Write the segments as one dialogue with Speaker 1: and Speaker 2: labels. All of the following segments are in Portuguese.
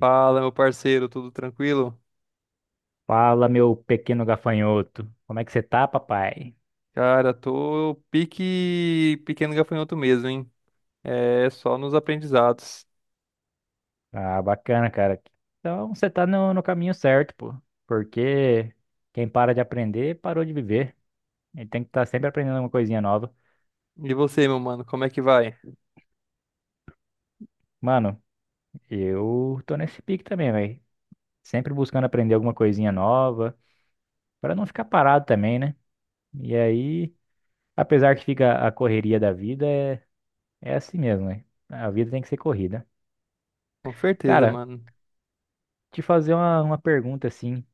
Speaker 1: Fala, meu parceiro, tudo tranquilo?
Speaker 2: Fala, meu pequeno gafanhoto. Como é que você tá, papai?
Speaker 1: Cara, tô pique pequeno gafanhoto mesmo, hein? É só nos aprendizados.
Speaker 2: Ah, bacana, cara. Então, você tá no caminho certo, pô. Porque quem para de aprender, parou de viver. Ele tem que estar sempre aprendendo alguma coisinha nova.
Speaker 1: E você, meu mano, como é que vai?
Speaker 2: Mano, eu tô nesse pique também, velho. Sempre buscando aprender alguma coisinha nova, pra não ficar parado também, né? E aí, apesar que fica a correria da vida, é assim mesmo, né? A vida tem que ser corrida.
Speaker 1: Com certeza,
Speaker 2: Cara,
Speaker 1: mano.
Speaker 2: te fazer uma pergunta assim.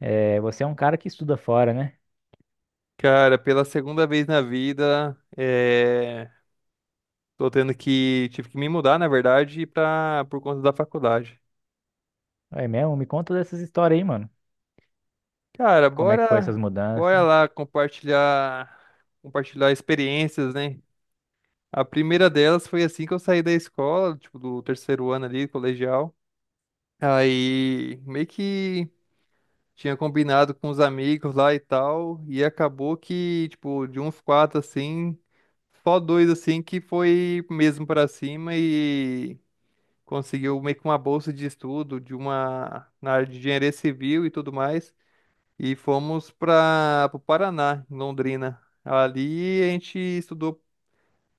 Speaker 2: É, você é um cara que estuda fora, né?
Speaker 1: Cara, pela segunda vez na vida, tô tendo que. Tive que me mudar, na verdade, pra... por conta da faculdade.
Speaker 2: É mesmo? Me conta dessas histórias aí, mano.
Speaker 1: Cara,
Speaker 2: Como é que foi essas
Speaker 1: bora, bora
Speaker 2: mudanças?
Speaker 1: lá compartilhar, compartilhar experiências, né? A primeira delas foi assim que eu saí da escola, tipo, do terceiro ano ali, colegial. Aí meio que tinha combinado com os amigos lá e tal, e acabou que, tipo, de uns quatro assim, só dois assim que foi mesmo pra cima e conseguiu meio que uma bolsa de estudo de uma na área de engenharia civil e tudo mais, e fomos para o Paraná, em Londrina. Ali a gente estudou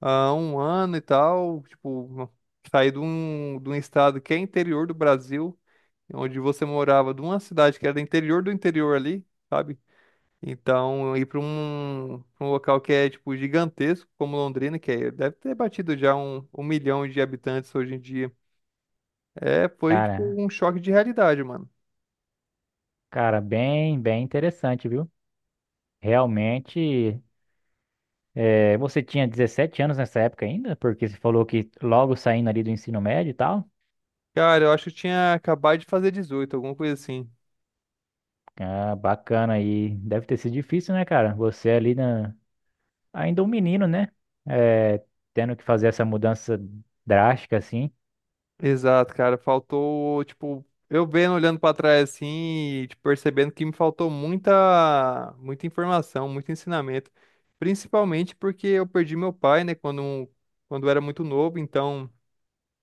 Speaker 1: há um ano e tal, tipo, saí de um estado que é interior do Brasil onde você morava, de uma cidade que era do interior ali, sabe? Então, ir pra um local que é, tipo, gigantesco, como Londrina, que é- deve ter batido já um milhão de habitantes hoje em dia. É, foi, tipo,
Speaker 2: Cara,
Speaker 1: um choque de realidade, mano.
Speaker 2: cara, bem, bem interessante, viu? Realmente, você tinha 17 anos nessa época ainda? Porque você falou que logo saindo ali do ensino médio e tal.
Speaker 1: Cara, eu acho que eu tinha acabado de fazer 18, alguma coisa assim.
Speaker 2: Ah, bacana aí. Deve ter sido difícil, né, cara? Você ali na... ainda um menino, né? É, tendo que fazer essa mudança drástica assim.
Speaker 1: Exato, cara. Faltou, tipo, eu vendo, olhando pra trás assim, e, tipo, percebendo que me faltou muita informação, muito ensinamento. Principalmente porque eu perdi meu pai, né, quando eu era muito novo. Então,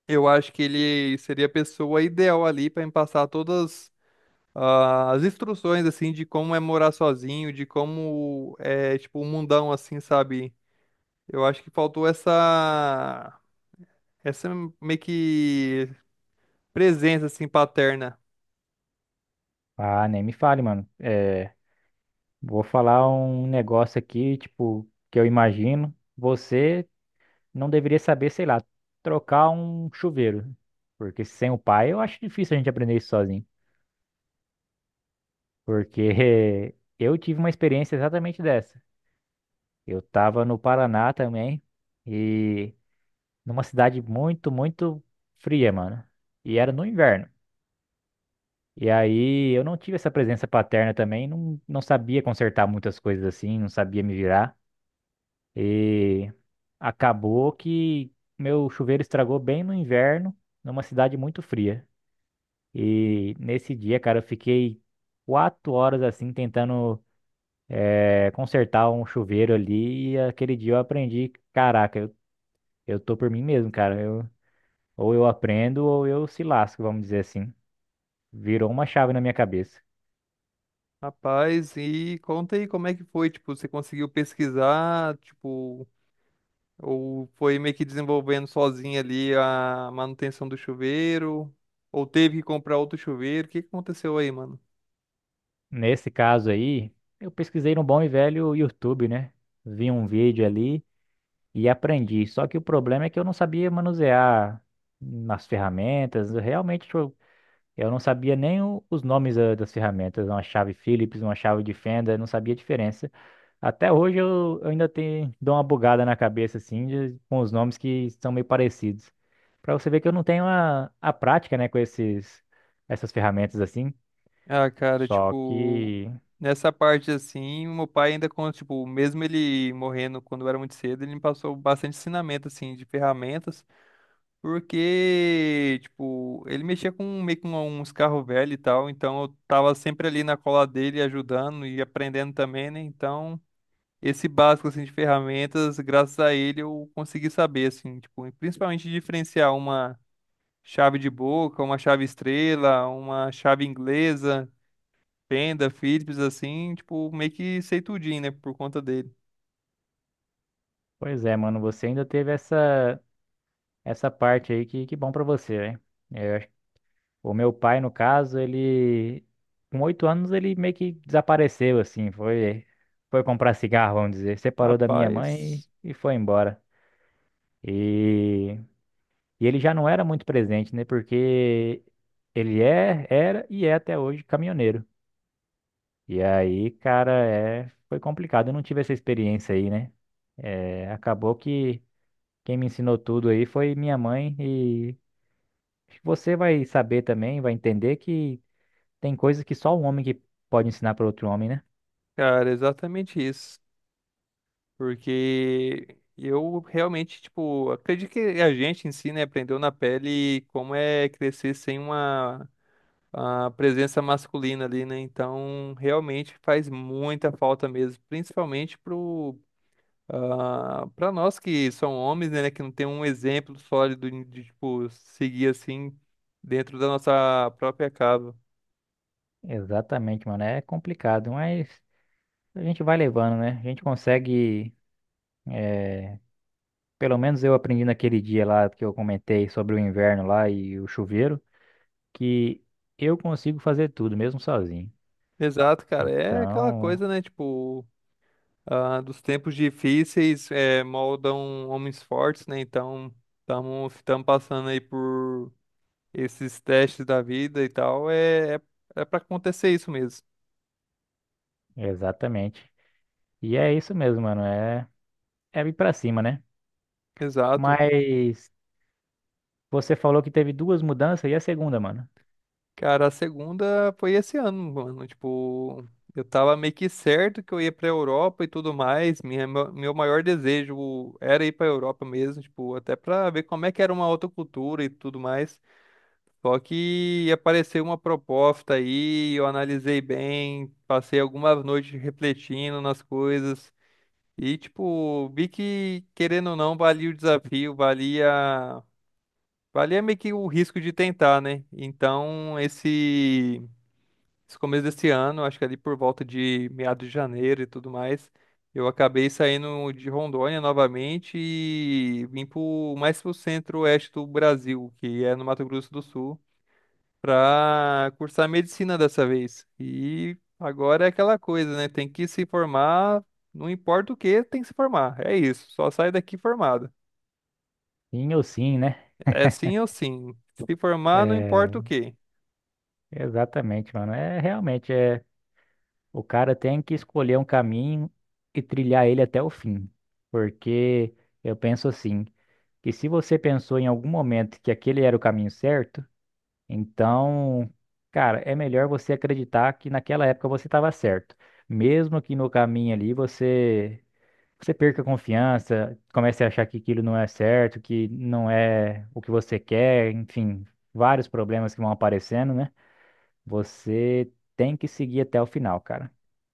Speaker 1: eu acho que ele seria a pessoa ideal ali pra me passar todas as instruções, assim, de como é morar sozinho, de como é, tipo, um mundão, assim, sabe? Eu acho que faltou essa, essa meio que presença, assim, paterna.
Speaker 2: Ah, nem me fale, mano. Vou falar um negócio aqui, tipo, que eu imagino. Você não deveria saber, sei lá, trocar um chuveiro. Porque sem o pai, eu acho difícil a gente aprender isso sozinho. Porque eu tive uma experiência exatamente dessa. Eu tava no Paraná também, e numa cidade muito, muito fria, mano. E era no inverno. E aí eu não tive essa presença paterna também, não, não sabia consertar muitas coisas assim, não sabia me virar. E. Acabou que meu chuveiro estragou bem no inverno, numa cidade muito fria. E nesse dia, cara, eu fiquei 4 horas assim tentando consertar um chuveiro ali. E aquele dia eu aprendi, caraca, eu tô por mim mesmo, cara. Ou eu aprendo ou eu se lasco, vamos dizer assim. Virou uma chave na minha cabeça.
Speaker 1: Rapaz, e conta aí como é que foi, tipo, você conseguiu pesquisar, tipo, ou foi meio que desenvolvendo sozinho ali a manutenção do chuveiro, ou teve que comprar outro chuveiro, o que que aconteceu aí, mano?
Speaker 2: Nesse caso aí, eu pesquisei no bom e velho YouTube, né? Vi um vídeo ali e aprendi. Só que o problema é que eu não sabia manusear nas ferramentas. Eu Realmente, tipo, eu não sabia nem os nomes das ferramentas. Uma chave Phillips, uma chave de fenda, eu não sabia a diferença. Até hoje eu ainda tenho, dou uma bugada na cabeça, assim, com os nomes que são meio parecidos. Pra você ver que eu não tenho a prática, né, com essas ferramentas assim.
Speaker 1: Ah, cara,
Speaker 2: Só
Speaker 1: tipo,
Speaker 2: que,
Speaker 1: nessa parte assim, o meu pai ainda, com tipo, mesmo ele morrendo quando eu era muito cedo, ele me passou bastante ensinamento, assim, de ferramentas. Porque, tipo, ele mexia com meio com uns carros velhos e tal, então eu tava sempre ali na cola dele ajudando e aprendendo também, né? Então, esse básico assim de ferramentas, graças a ele eu consegui saber assim, tipo, e principalmente diferenciar uma chave de boca, uma chave estrela, uma chave inglesa, Fenda, Philips assim, tipo, meio que sei tudinho, né, por conta dele.
Speaker 2: pois é, mano, você ainda teve essa parte aí que bom pra você, né? O meu pai, no caso, ele com 8 anos ele meio que desapareceu assim, foi comprar cigarro, vamos dizer, separou da minha mãe
Speaker 1: Rapaz,
Speaker 2: e foi embora. E, e ele já não era muito presente, né? Porque ele era e é até hoje caminhoneiro. E aí, cara, foi complicado. Eu não tive essa experiência aí, né? Acabou que quem me ensinou tudo aí foi minha mãe e acho que você vai saber também, vai entender que tem coisas que só um homem que pode ensinar para outro homem, né?
Speaker 1: cara, é exatamente isso. Porque eu realmente, tipo, acredito que a gente em si, né, aprendeu na pele como é crescer sem uma, a presença masculina ali, né? Então, realmente faz muita falta mesmo, principalmente pro para nós que são homens, né, que não tem um exemplo sólido tipo, seguir assim dentro da nossa própria casa.
Speaker 2: Exatamente, mano. É complicado, mas a gente vai levando, né? A gente consegue. Pelo menos eu aprendi naquele dia lá que eu comentei sobre o inverno lá e o chuveiro, que eu consigo fazer tudo, mesmo sozinho.
Speaker 1: Exato, cara, é aquela
Speaker 2: Então,
Speaker 1: coisa, né, tipo dos tempos difíceis moldam homens fortes, né? Então, estamos passando aí por esses testes da vida e tal. É para acontecer isso mesmo.
Speaker 2: exatamente. E é isso mesmo, mano. É ir pra cima, né?
Speaker 1: Exato.
Speaker 2: Mas você falou que teve duas mudanças e a segunda, mano.
Speaker 1: Cara, a segunda foi esse ano, mano. Tipo, eu tava meio que certo que eu ia pra Europa e tudo mais. Meu maior desejo era ir pra Europa mesmo, tipo, até pra ver como é que era uma outra cultura e tudo mais. Só que apareceu uma proposta aí, eu analisei bem, passei algumas noites refletindo nas coisas e, tipo, vi que, querendo ou não, valia o desafio, valia, valia meio que o risco de tentar, né? Então, esse começo desse ano, acho que ali por volta de meados de janeiro e tudo mais, eu acabei saindo de Rondônia novamente e vim pro, mais pro centro-oeste do Brasil, que é no Mato Grosso do Sul para cursar medicina dessa vez. E agora é aquela coisa, né? Tem que se formar, não importa o que, tem que se formar. É isso, só sai daqui formado.
Speaker 2: Sim ou sim, né?
Speaker 1: É sim ou sim. Se formar, não
Speaker 2: É,
Speaker 1: importa o que.
Speaker 2: exatamente, mano. É realmente. O cara tem que escolher um caminho e trilhar ele até o fim. Porque eu penso assim, que se você pensou em algum momento que aquele era o caminho certo, então, cara, é melhor você acreditar que naquela época você estava certo. Mesmo que no caminho ali você perca a confiança, comece a achar que aquilo não é certo, que não é o que você quer, enfim, vários problemas que vão aparecendo, né? Você tem que seguir até o final, cara.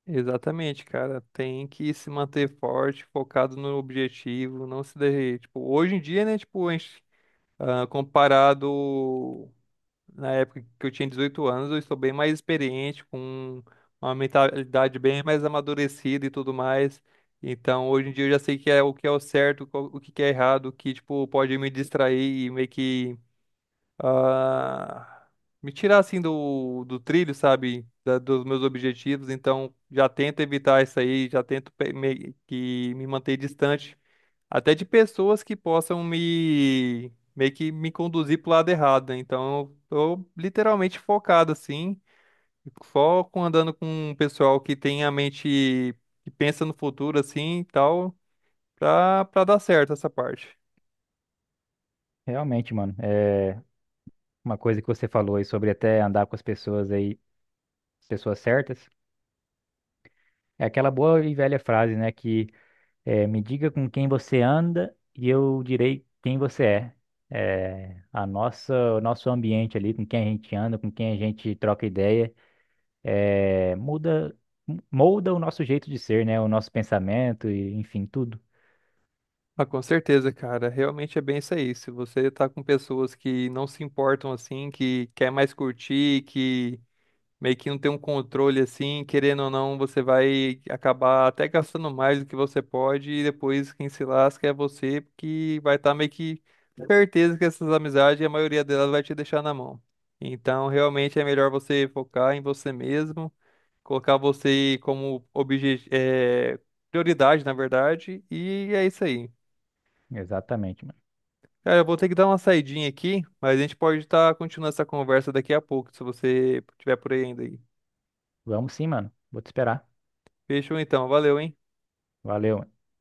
Speaker 1: Exatamente, cara. Tem que se manter forte, focado no objetivo, não se derreter. Tipo, hoje em dia, né? Tipo, a gente, comparado. Na época que eu tinha 18 anos, eu estou bem mais experiente, com uma mentalidade bem mais amadurecida e tudo mais. Então, hoje em dia eu já sei que é o certo, qual- o que que é errado, o que tipo pode me distrair e meio que ah, me tirar assim do trilho, sabe? Da- dos meus objetivos. Então, já tento evitar isso aí, já tento pe- meio que me manter distante até de pessoas que possam me meio que me conduzir pro lado errado, né? Então, eu tô literalmente focado assim, foco andando com um pessoal que tem a mente que pensa no futuro assim e tal, pra para dar certo essa parte.
Speaker 2: Realmente, mano, é uma coisa que você falou aí sobre até andar com as pessoas aí, pessoas certas, é aquela boa e velha frase, né, que é, me diga com quem você anda e eu direi quem você é. O nosso ambiente ali, com quem a gente anda, com quem a gente troca ideia, é, muda, molda o nosso jeito de ser, né, o nosso pensamento e enfim, tudo.
Speaker 1: Ah, com certeza, cara. Realmente é bem isso aí. Se você tá com pessoas que não se importam assim, que quer mais curtir, que meio que não tem um controle assim, querendo ou não, você vai acabar até gastando mais do que você pode e depois quem se lasca é você, porque vai estar meio que certeza que essas amizades, a maioria delas vai te deixar na mão. Então, realmente é melhor você focar em você mesmo, colocar você como prioridade, na verdade, e é isso aí.
Speaker 2: Exatamente, mano.
Speaker 1: Cara, eu vou ter que dar uma saidinha aqui, mas a gente pode estar continuando essa conversa daqui a pouco, se você tiver por aí ainda aí.
Speaker 2: Vamos sim, mano. Vou te esperar.
Speaker 1: Fechou então, valeu, hein?
Speaker 2: Valeu.